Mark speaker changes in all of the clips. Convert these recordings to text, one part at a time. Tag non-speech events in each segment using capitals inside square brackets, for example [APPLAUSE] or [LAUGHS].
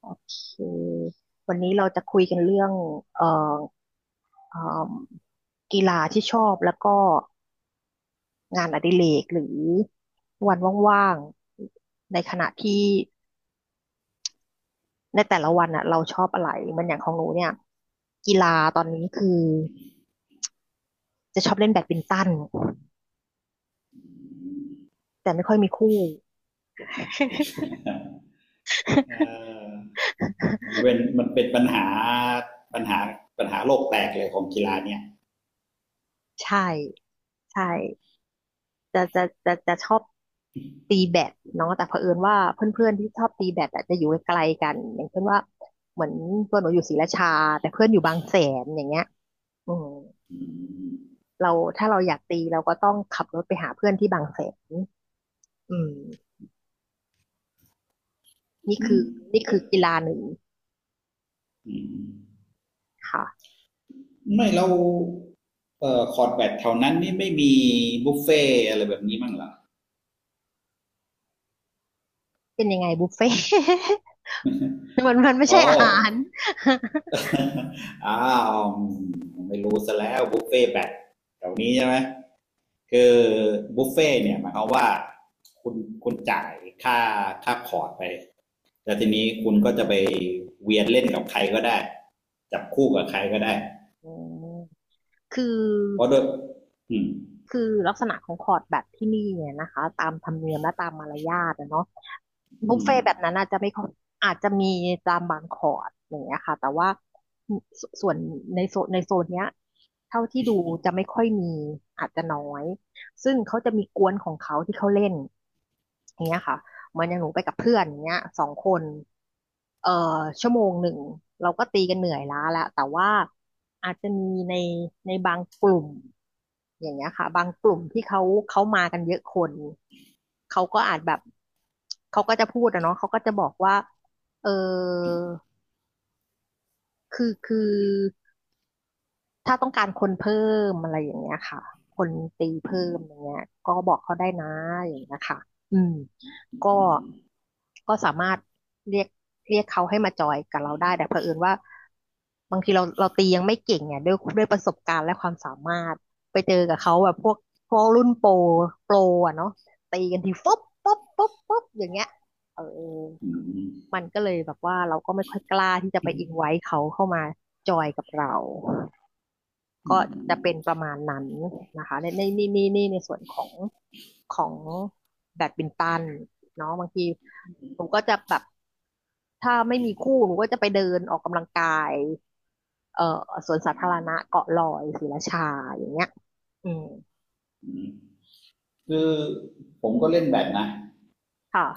Speaker 1: โอเควันนี้เราจะคุยกันเรื่องเอ่อเอ่มกีฬาที่ชอบแล้วก็งานอดิเรกหรือวันว่างๆ ในขณะที่ในแต่ละวันอ่ะเราชอบอะไรเหมันอย่างของหนูเนี่ยกีฬาตอนนี้คือจะชอบเล่นแบดมินตันแต่ไม่ค่อยมีคู่
Speaker 2: เอ
Speaker 1: [LAUGHS]
Speaker 2: อมันเป็นปัญหาปัญหาโลกแตกเลยของกีฬาเนี่ย
Speaker 1: ใช่ใช่ จะชอบตีแบดเนาะแต่เผอิญว่าเพื่อนๆที่ชอบตีแบดอะจะอยู่ไกลกันอย่างเช่นว่าเหมือนตัวหนูอยู่ศรีราชาแต่เพื่อนอยู่บางแสนอย่างเงี้ยอืม
Speaker 2: อืม
Speaker 1: เราถ้าเราอยากตีเราก็ต้องขับรถไปหาเพื่อนที่บางแสนอืมนี่
Speaker 2: อื
Speaker 1: คือ
Speaker 2: ม
Speaker 1: นี่คือกีฬาหนึ่ง
Speaker 2: อืม
Speaker 1: ค่ะอื
Speaker 2: ไม่
Speaker 1: ม
Speaker 2: เราคอร์ดแบดแถวนั้นนี่ไม่มีบุฟเฟ่ต์อะไรแบบนี้มั้งเหรอ
Speaker 1: เป็นยังไงบุฟเฟ่ต์ [LAUGHS] มันไม่
Speaker 2: อ๋อ
Speaker 1: ใช่อาหาร
Speaker 2: [LAUGHS] อ้าวไม่รู้ซะแล้วบุฟเฟ่ต์แบดแถวนี้ใช่ไหม คือบุฟเฟ่ตเนี่ยหมายความว่าคุณคุณจ่ายค่าค่าคอร์สไปแล่ทีนี้คุณก็จะไปเวียนเล่นกับใครก็ได้จับคู่กับใครก็ได้
Speaker 1: [LAUGHS] อืมคือ
Speaker 2: เพราะด้วยอืม
Speaker 1: คือลักษณะของคอร์ดแบบที่นี่เนี่ยนะคะตามธรรมเนียมและตามมารยาทอะเนาะบุ
Speaker 2: อื
Speaker 1: ฟเฟ่
Speaker 2: ม
Speaker 1: ต์แบบนั้นอาจจะไม่ค่อยอาจจะมีตามบางคอร์ดอย่างเงี้ยค่ะแต่ว่าสส่วนในโซนเนี้ยเท่าที่ดูจะไม่ค่อยมีอาจจะน้อยซึ่งเขาจะมีกวนของเขาที่เขาเล่นอย่างเงี้ยค่ะ เหมือนอย่างหนูไปกับเพื่อนอย่างเงี้ย2 คนเอ่อ1 ชั่วโมงเราก็ตีกันเหนื่อยล้าแล้วแต่ว่าอาจจะมีในในบางกลุ่มอย่างเงี้ยค่ะบางกลุ่มที่เขามากันเยอะคนเขาก็อาจแบบเขาก็จะพูดอะเนาะเขาก็จะบอกว่าเออคือถ้าต้องการคนเพิ่มอะไรอย่างเงี้ยค่ะคนตีเพิ่มอย่างเงี้ยก็บอกเขาได้นะอย่างเงี้ยค่ะอืม ก็ก็สามารถเรียกเรียกเขาให้มาจอยกับเราได้แต่เผอิญว่าบางทีเราตียังไม่เก่งเนี่ยด้วยประสบการณ์และความสามารถไปเจอกับเขาแบบพวกรุ่นโปรโปรอ่ะเนาะตีกันทีฟุ๊บปุ๊บปุ๊บปุ๊บอย่างเงี้ยเออ
Speaker 2: อืมอืม
Speaker 1: มันก็เลยแบบว่าเราก็ไม่ค่อยกล้าที่จะไปอินไว้เขาเข้ามาจอยกับเรา
Speaker 2: อื
Speaker 1: ก็จะเป็น
Speaker 2: ม
Speaker 1: ประมาณนั้นนะคะในในนี่นี่นี่ในส่วนของแบดมินตันเนาะบางทีหนูก็จะแบบถ้าไม่มีคู่หนูก็จะไปเดินออกกำลังกายเอ่อสวนสาธารณะเกาะลอยศรีราชาอย่างเงี้ยอืม
Speaker 2: อืมคือผมก็เล่นแบบนะ
Speaker 1: ค่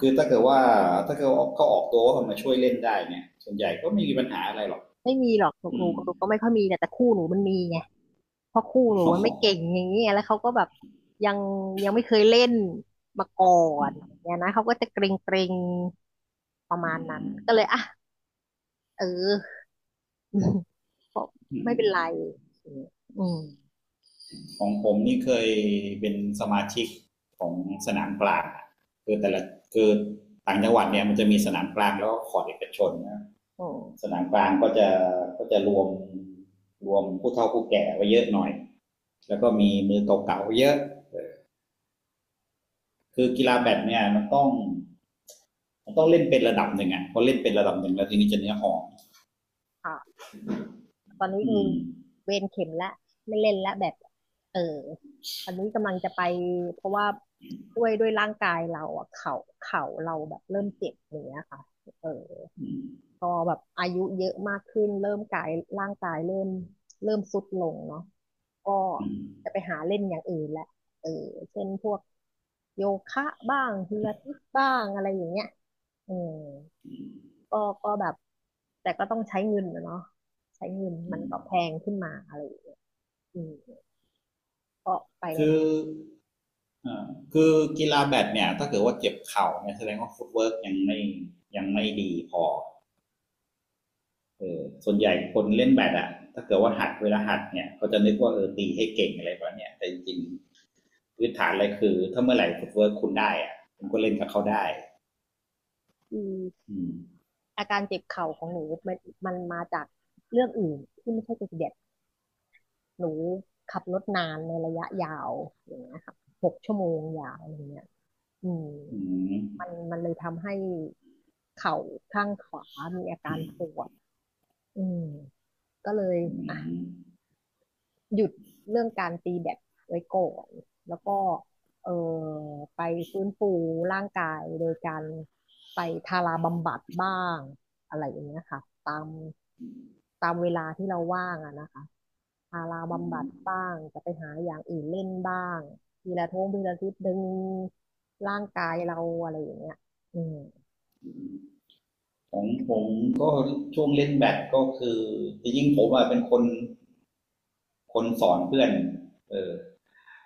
Speaker 2: คือถ้าเกิดว่าเขาออกตัวว่าเขามาช่วยเล่นได้เนี่ยส่วนใหญ่ก็ไม่มีปัญหาอะไรหรอก
Speaker 1: ไม่มีหรอกหนู
Speaker 2: อื
Speaker 1: หนู
Speaker 2: ม
Speaker 1: หนูก็ไม่ค่อยมีแต่คู่หนูมันมีไงเพราะคู่หนู
Speaker 2: อ๋
Speaker 1: มันไม่เก่ง
Speaker 2: อ
Speaker 1: อย่างเงี้ยแล้วเขาก็แบบยังยังไม่เคยเล่นมาก่อ
Speaker 2: อื
Speaker 1: นอ
Speaker 2: ม
Speaker 1: ย่างเงี้ยนะเขาก็จะเกรงเกรงประ
Speaker 2: อื
Speaker 1: มาณนั้นก็
Speaker 2: ม
Speaker 1: เลยอ่ะเออ [LAUGHS] อก
Speaker 2: อื
Speaker 1: ไม่เป็นไร
Speaker 2: ม
Speaker 1: อมอืม
Speaker 2: ของผมนี่เคยเป็นสมาชิกของสนามกลางคือแต่ละคือต่างจังหวัดเนี่ยมันจะมีสนามกลางแล้วก็ขอดเอกชนนะ
Speaker 1: อื
Speaker 2: ส
Speaker 1: ม
Speaker 2: นามกลางก็จะรวมผู้เฒ่าผู้แก่ไว้เยอะหน่อยแล้วก็มีมือเก่าๆเยอะคือกีฬาแบดเนี่ยมันต้องเล่นเป็นระดับหนึ่งอ่ะพอเล่นเป็นระดับหนึ่งแล้วทีนี้จะเนื้อหอ
Speaker 1: ค่ะตอนนี้
Speaker 2: อื
Speaker 1: คือ
Speaker 2: ม
Speaker 1: เวรเข็มละไม่เล่นละแบบเอออันนี้กำลังจะไปเพราะว่าด้วยร่างกายเราอะเข่าเราแบบเริ่มเจ็บอย่างเนี้ยค่ะเออ
Speaker 2: อืม
Speaker 1: พอแบบอายุเยอะมากขึ้นเริ่มกายร่างกายเริ่มทรุดลงเนาะก็
Speaker 2: อืม
Speaker 1: จะไปหาเล่นอย่างอื่นแหละเออเช่นพวกโยคะบ้างพิลาทิสบ้างอะไรอย่างเงี้ยอืม ก็ก็แบบแต่ก็ต้องใช้เงินนะเนาะใช้เงิน
Speaker 2: อื
Speaker 1: มันก็แพ
Speaker 2: ม
Speaker 1: งขึ้นมาอะไรอย่างเงี้ยอืมก็ไปใน
Speaker 2: คือ
Speaker 1: ทิศ
Speaker 2: อ่าคือกีฬาแบดเนี่ยถ้าเกิดว่าเจ็บเข่าเนี่ยแสดงว่าฟุตเวิร์กยังไม่ดีพอเออส่วนใหญ่คนเล่นแบดอะถ้าเกิดว่าหัดเวลาหัดเนี่ยเขาจะนึกว่าเออตีให้เก่งอะไรแบบเนี้ยแต่จริงๆพื้นฐานอะไรคือถ้าเมื่อไหร่ฟุตเวิร์กคุณได้อะคุณก็เล่นกับเขาได้
Speaker 1: ที่
Speaker 2: อืม
Speaker 1: อาการเจ็บเข่าของหนูมันมันมาจากเรื่องอื่นที่ไม่ใช่เจ็บติเด็ดหนูขับรถนานในระยะยาวอย่างเงี้ยค่ะ6 ชั่วโมงยาวอย่างเงี้ยอืม
Speaker 2: อืม
Speaker 1: มันเลยทำให้เข่าข้างขวามีอาการปวดอืมก็เลย
Speaker 2: อืม
Speaker 1: หยุดเรื่องการตีแบตไว้ก่อนแล้วก็เออไปฟื้นฟูร่างกายโดยการไปทาราบำบัดบ้างอะไรอย่างเงี้ยค่ะตามตามเวลาที่เราว่างอะนะคะทารา
Speaker 2: อื
Speaker 1: บำบัด
Speaker 2: ม
Speaker 1: บ้างจะไปหาอย่างอื่นเล่นบ้างทีละท่วงทีละทิศดึงร่างกายเราอะไรอย่างเงี้ยอืม
Speaker 2: ของผมก็ช่วงเล่นแบดก็คือจริงๆผมอะเป็นคนสอนเพื่อนเออ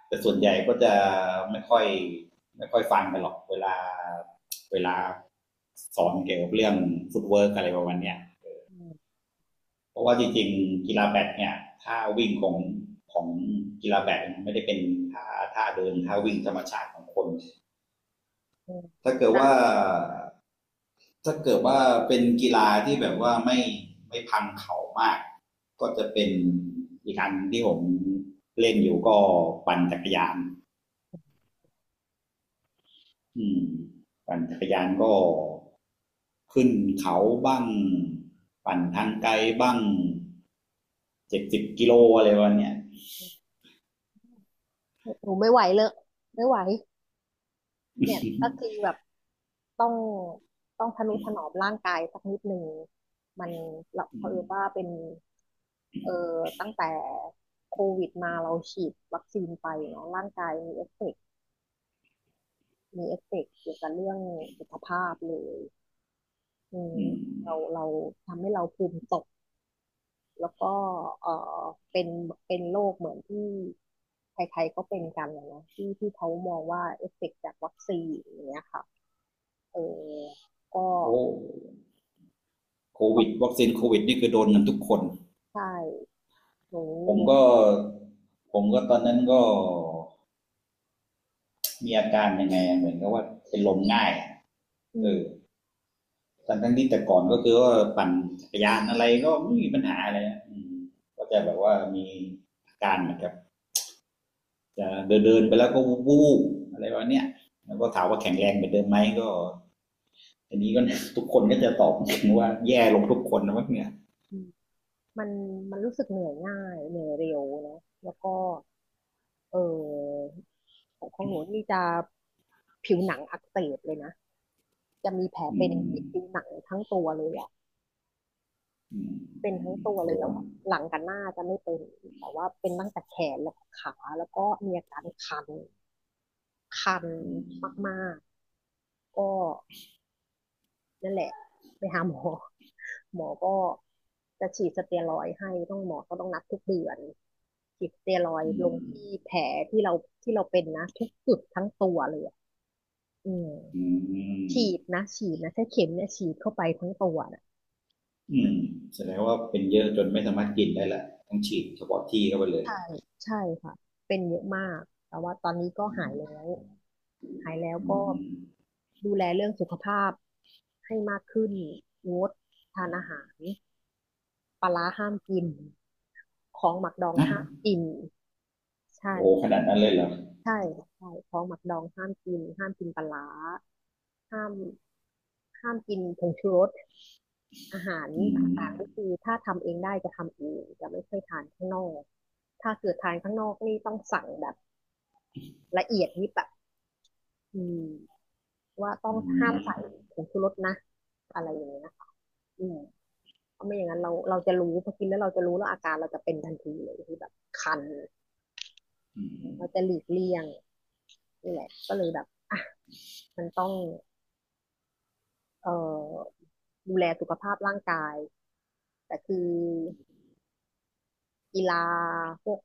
Speaker 2: แต่ส่วนใหญ่ก็จะไม่ค่อยไม่ค่อยฟังกันหรอกเวลาสอนเกี่ยวกับเรื่องฟุตเวิร์กอะไรประมาณเนี้ย
Speaker 1: อืม
Speaker 2: เพราะว่าจริงๆกีฬาแบดเนี่ยท่าวิ่งของกีฬาแบดมันไม่ได้เป็นท่าท่าเดินท่าวิ่งธรรมชาติของคน
Speaker 1: อืม
Speaker 2: ถ้าเกิดว่าถ้าเกิดว่าเป็นกีฬาที่แบบว่าไม่พังเข่ามากก็จะเป็นอีกอันที่ผมเล่นอยู่ก็ปั่นจักรยาน อืมปั่นจักรยานก็ขึ้นเขาบ้างปั่นทางไกลบ้างเจ็ดสิบกิโลอะไรวันเนี้ย
Speaker 1: หนูไม่ไหวเลยไม่ไหว เนี่ยก็
Speaker 2: อื
Speaker 1: คือแบบต้องต้องทนุถนอมร่างกายสักนิดหนึ่งมันเราเผอิญ
Speaker 2: ม
Speaker 1: ว่าเป็นเออตั้งแต่โควิดมาเราฉีดวัคซีนไปเนาะร่างกายมีเอฟเฟกต์มีเอฟเฟกต์เกี่ยวกับเรื่องสุขภาพเลยอืม
Speaker 2: อื
Speaker 1: เรา
Speaker 2: ม
Speaker 1: เราทำให้เราภูมิตกแล้วก็เออเป็นเป็นโรคเหมือนที่ใครๆก็เป็นกันนะที่เขามองว่าเอฟเฟกต์จากวัคซีนอย่างเงี้ยค่ะเออก็
Speaker 2: โอ้โควิดวัคซีนโควิดนี่คือโดนกันทุกคน
Speaker 1: ใช่หนู
Speaker 2: ผ
Speaker 1: ห
Speaker 2: ม
Speaker 1: นู
Speaker 2: ก็ผมก็ตอนนั้นก็มีอาการยังไงอะเหมือนกับว่าเป็นลมง่ายอะ
Speaker 1: อื
Speaker 2: เออ
Speaker 1: ม
Speaker 2: ทั้งที่แต่ก่อนก็คือว่าปั่นจักรยานอะไรก็ไม่มีปัญหาอะไรอะก็จะแบบว่ามีอาการเหมือนกับ จะเดินๆไปแล้วก็วูบๆอะไรวะเนี่ยแล้วก็ถามว่าแข็งแรงเหมือนเดิมไหมก็อันนี้ก็ [LAUGHS] ทุกคนก็จะตอบว่าแย่ลงทุกคนนะวะเนี่ย
Speaker 1: อืมมันมันรู้สึกเหนื่อยง่ายเหนื่อยเร็วเนาะแล้วก็เออของหนูนี่จะผิวหนังอักเสบเลยนะจะมีแผล
Speaker 2: อื
Speaker 1: เป็น
Speaker 2: ม
Speaker 1: ที่ผิวหนังทั้งตัวเลยอะ
Speaker 2: อืม
Speaker 1: เป็นทั้งตัว
Speaker 2: โด
Speaker 1: เลยแต่
Speaker 2: น
Speaker 1: ว่าหลังกับหน้าจะไม่เป็นแต่ว่าเป็นตั้งแต่แขนแล้วก็ขาแล้วก็มีอาการคันคัน
Speaker 2: อืม
Speaker 1: มากๆก็ นั่นแหละไปหาหมอ [LAUGHS] หมอก็จะฉีดสเตียรอยด์ให้ต้องหมอก็ต้องนัดทุกเดือนฉีดสเตียรอยด์
Speaker 2: อื
Speaker 1: ลงที่
Speaker 2: ม
Speaker 1: แผลที่เราที่เราเป็นนะทุกจุดทั้งตัวเลยอะอืม
Speaker 2: อื
Speaker 1: ฉี
Speaker 2: ม
Speaker 1: ดนะฉีดนะใช้เข็มเนี่ยฉีดเข้าไปทั้งตัวนะ
Speaker 2: อืมแสดงว่าเป็นเยอะจนไม่สามารถกินได้ละต้องฉีดเฉพาะที่เข้าไปเลย
Speaker 1: ใช่ใช่ค่ะเป็นเยอะมากแต่ว่าตอนนี้ก็หายแล้วหายแล้ว
Speaker 2: อื
Speaker 1: ก็
Speaker 2: ม
Speaker 1: ดูแลเรื่องสุขภาพให้มากขึ้นงดทานอาหาร ปลาร้าห้ามกินของหมักดอง
Speaker 2: นะ
Speaker 1: ห้ามกิน ใช่
Speaker 2: โอ้ขนาดนั้นเลยเหรอ
Speaker 1: ใช่ใช่ของหมักดองห้ามกิน ห้ามกินปลาร้าห้ามห้ามกินผงชูรสอาหาร
Speaker 2: อื
Speaker 1: ต
Speaker 2: ม
Speaker 1: ่างๆก็คือถ้าทำเองได้จะทำเองจะไม่ค่อยทานข้างนอกถ้าเกิดทานข้างนอกนี่ต้องสั่งแบบละเอียดยิบแบบอืมว่าต้อง
Speaker 2: อื
Speaker 1: ห้าม
Speaker 2: ม
Speaker 1: ใส่ผงชูรสนะอะไรอย่างเงี้ยนะคะอืมเพราะไม่อย่างนั้นเราจะรู้พอกินแล้วเราจะรู้แล้วอาการเราจะเป็นทันทีเลยคือแบบคัน
Speaker 2: อื
Speaker 1: เราจะ
Speaker 2: ม
Speaker 1: หลีกเลี่ยงนี่แหละก็เลยแบบอ่ะมันต้องเอ่อดูแลสุขภาพร่างกายแต่คือกีฬาพวก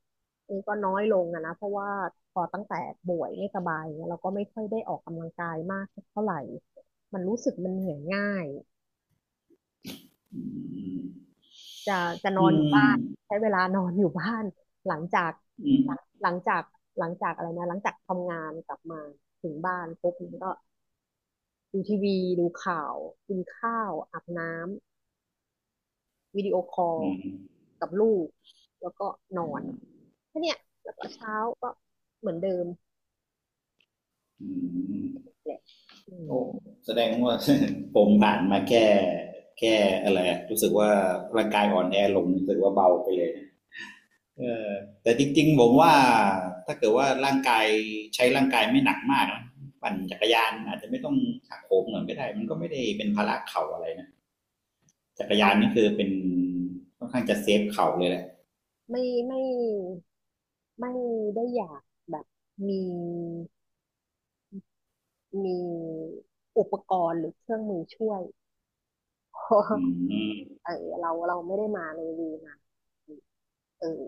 Speaker 1: นี้ก็น้อยลงอะนะเพราะว่าพอตั้งแต่ป่วยไม่สบายเนี่ยเราก็ไม่ค่อยได้ออกกำลังกายมากเท่าไหร่มันรู้สึกมันเหนื่อยง่าย
Speaker 2: อืม
Speaker 1: จะจะน
Speaker 2: อื
Speaker 1: อนอยู่
Speaker 2: ม
Speaker 1: บ้านใช้เวลานอนอยู่บ้านหลังจาก
Speaker 2: อืม
Speaker 1: หลังจากหลังจากอะไรนะหลังจากทำงานกลับมาถึงบ้านปุ๊บมันก็ ดูทีวีดูข่าวกินข้าวอาบน้ำวิดีโอคอล
Speaker 2: อืม
Speaker 1: กับลูกแล้วก็นอนแค่เนี้ยแล้วก็เช้าก็เหมือนเดิม
Speaker 2: อืม
Speaker 1: แหละอืม
Speaker 2: โอ้แสดงว่า [LAUGHS] ผมผ่านมาแค่อะไรอะรู้สึกว่าร่างกายอ่อนแอลงรู้สึกว่าเบาไปเลยนะเออแต่จริงๆผมว่าถ้าเกิดว่าร่างกายใช้ร่างกายไม่หนักมากนะปั่นจักรยานอาจจะไม่ต้องหักโหมเหมือนก็ได้มันก็ไม่ได้เป็นภาระเข่าอะไรนะจักร
Speaker 1: เรา
Speaker 2: ยานนี่คือเป็นค่อนข้างจะเซฟเข่าเลยแหละ
Speaker 1: ไม่ไม่ไม่ได้อยากแบบมีมีอุปกรณ์หรือเครื่องมือช่วย [LAUGHS] เพราะ
Speaker 2: อืม
Speaker 1: เออเราไม่ได้มาในวีนะเออ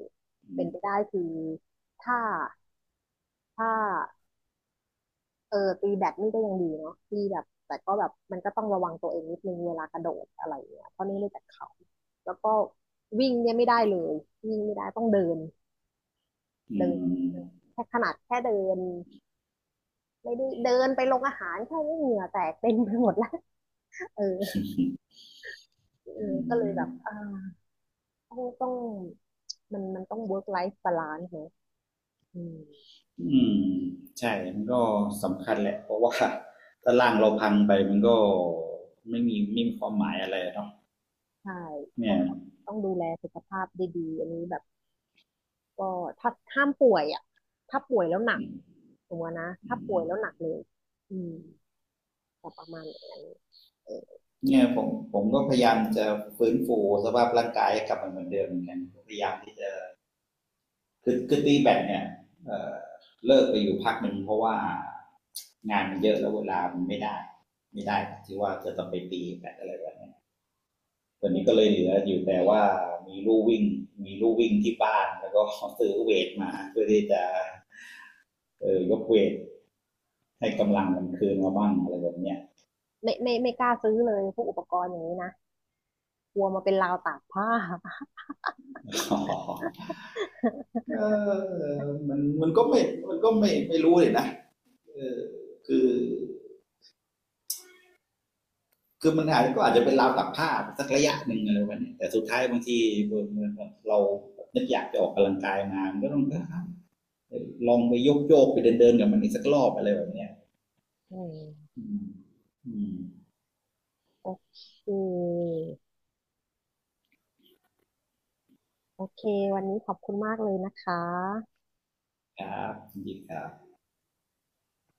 Speaker 2: อื
Speaker 1: เป็น
Speaker 2: ม
Speaker 1: ไปได้คือถ้าถ้า เออตีแบดนี่ก็ยังดีเนาะที่แบบแต่ก็แบบมันก็ต้องระวังตัวเองนิดนึงเวลากระโดดอะไรเงี้ยเพราะนี่ไม่แต่เขาแล้วก็วิ่งเนี่ยไม่ได้เลยวิ่งไม่ได้ต้องเดิน
Speaker 2: อื
Speaker 1: เดิน
Speaker 2: ม
Speaker 1: แค่ขนาดแค่เดินไม่ได้เดินไปลงอาหารแค่นี้เหงื่อแตกเต็มไปหมดแล้ว [LAUGHS] เออเออก็เลยแบบ
Speaker 2: [LAUGHS]
Speaker 1: อ่าต้องมันต้อง work life balance เนอะอืม
Speaker 2: อืมใช่มันก็สำคัญแหละเพราะว่า [LAUGHS] ถ้าร่างเราพังไปมันก็ไม่มีความหมายอะไรเนาะ
Speaker 1: ใช่ก็
Speaker 2: เนี่ย
Speaker 1: ต้องดูแลสุขภาพดีๆอันนี้แบบ ก็ถ้าห้ามป่วยอ่ะถ้าป่วยแล้วหนัก
Speaker 2: อืม
Speaker 1: สมมตินะ
Speaker 2: อื
Speaker 1: ถ้าป่วยแล้วหนั
Speaker 2: ม
Speaker 1: กเลยอืมแต่ประมาณอย่างนั้นเออ
Speaker 2: เนี่ยผมก็พยายามจะฟื้นฟูสภาพร่างกายให้กลับมาเหมือนเดิมเหมือนกันพยายามที่จะคือตีแบตเนี่ยเอ่อเลิกไปอยู่พักหนึ่งเพราะว่างานมันเยอะแล้วเวลามันไม่ได้ที่ว่าจะต้องไปตีแบตอะไรแบบ ตอนนี้ก็เลยเหลืออยู่แต่ว่ามีลู่วิ่งมีลู่วิ่งที่บ้านแล้วก็ซื้อเวทมาเพื่อที่จะยกเวทให้กำลังมันคืนมาบ้างอะไรแบบเนี้ย
Speaker 1: ไม่ไม่กล้าซื้อเลยพวกอุปกรณ์อย่างนี้นะกลัวมาเป็นราวตากผ้า
Speaker 2: [LAUGHS]
Speaker 1: [LAUGHS]
Speaker 2: เออมันมันก็ไม่มันก็ไม่ไม่รู้เลยนะเออคือคือมันอาจก็อาจจะเป็นราวตักผ้าสักระยะหนึ่งอะไรแบบนี้แต่สุดท้ายบางทีเรานึกอยากจะออกกำลังกายมาก็ต้องลองไปโยกโยกไปเดินเดินกับมันอีกสักรอบอะไรแบบเนี้ย
Speaker 1: อืม
Speaker 2: อืม
Speaker 1: โอเคโอเควันนี้ขอบคุณมากเลยนะคะ
Speaker 2: ครับยินดีครับ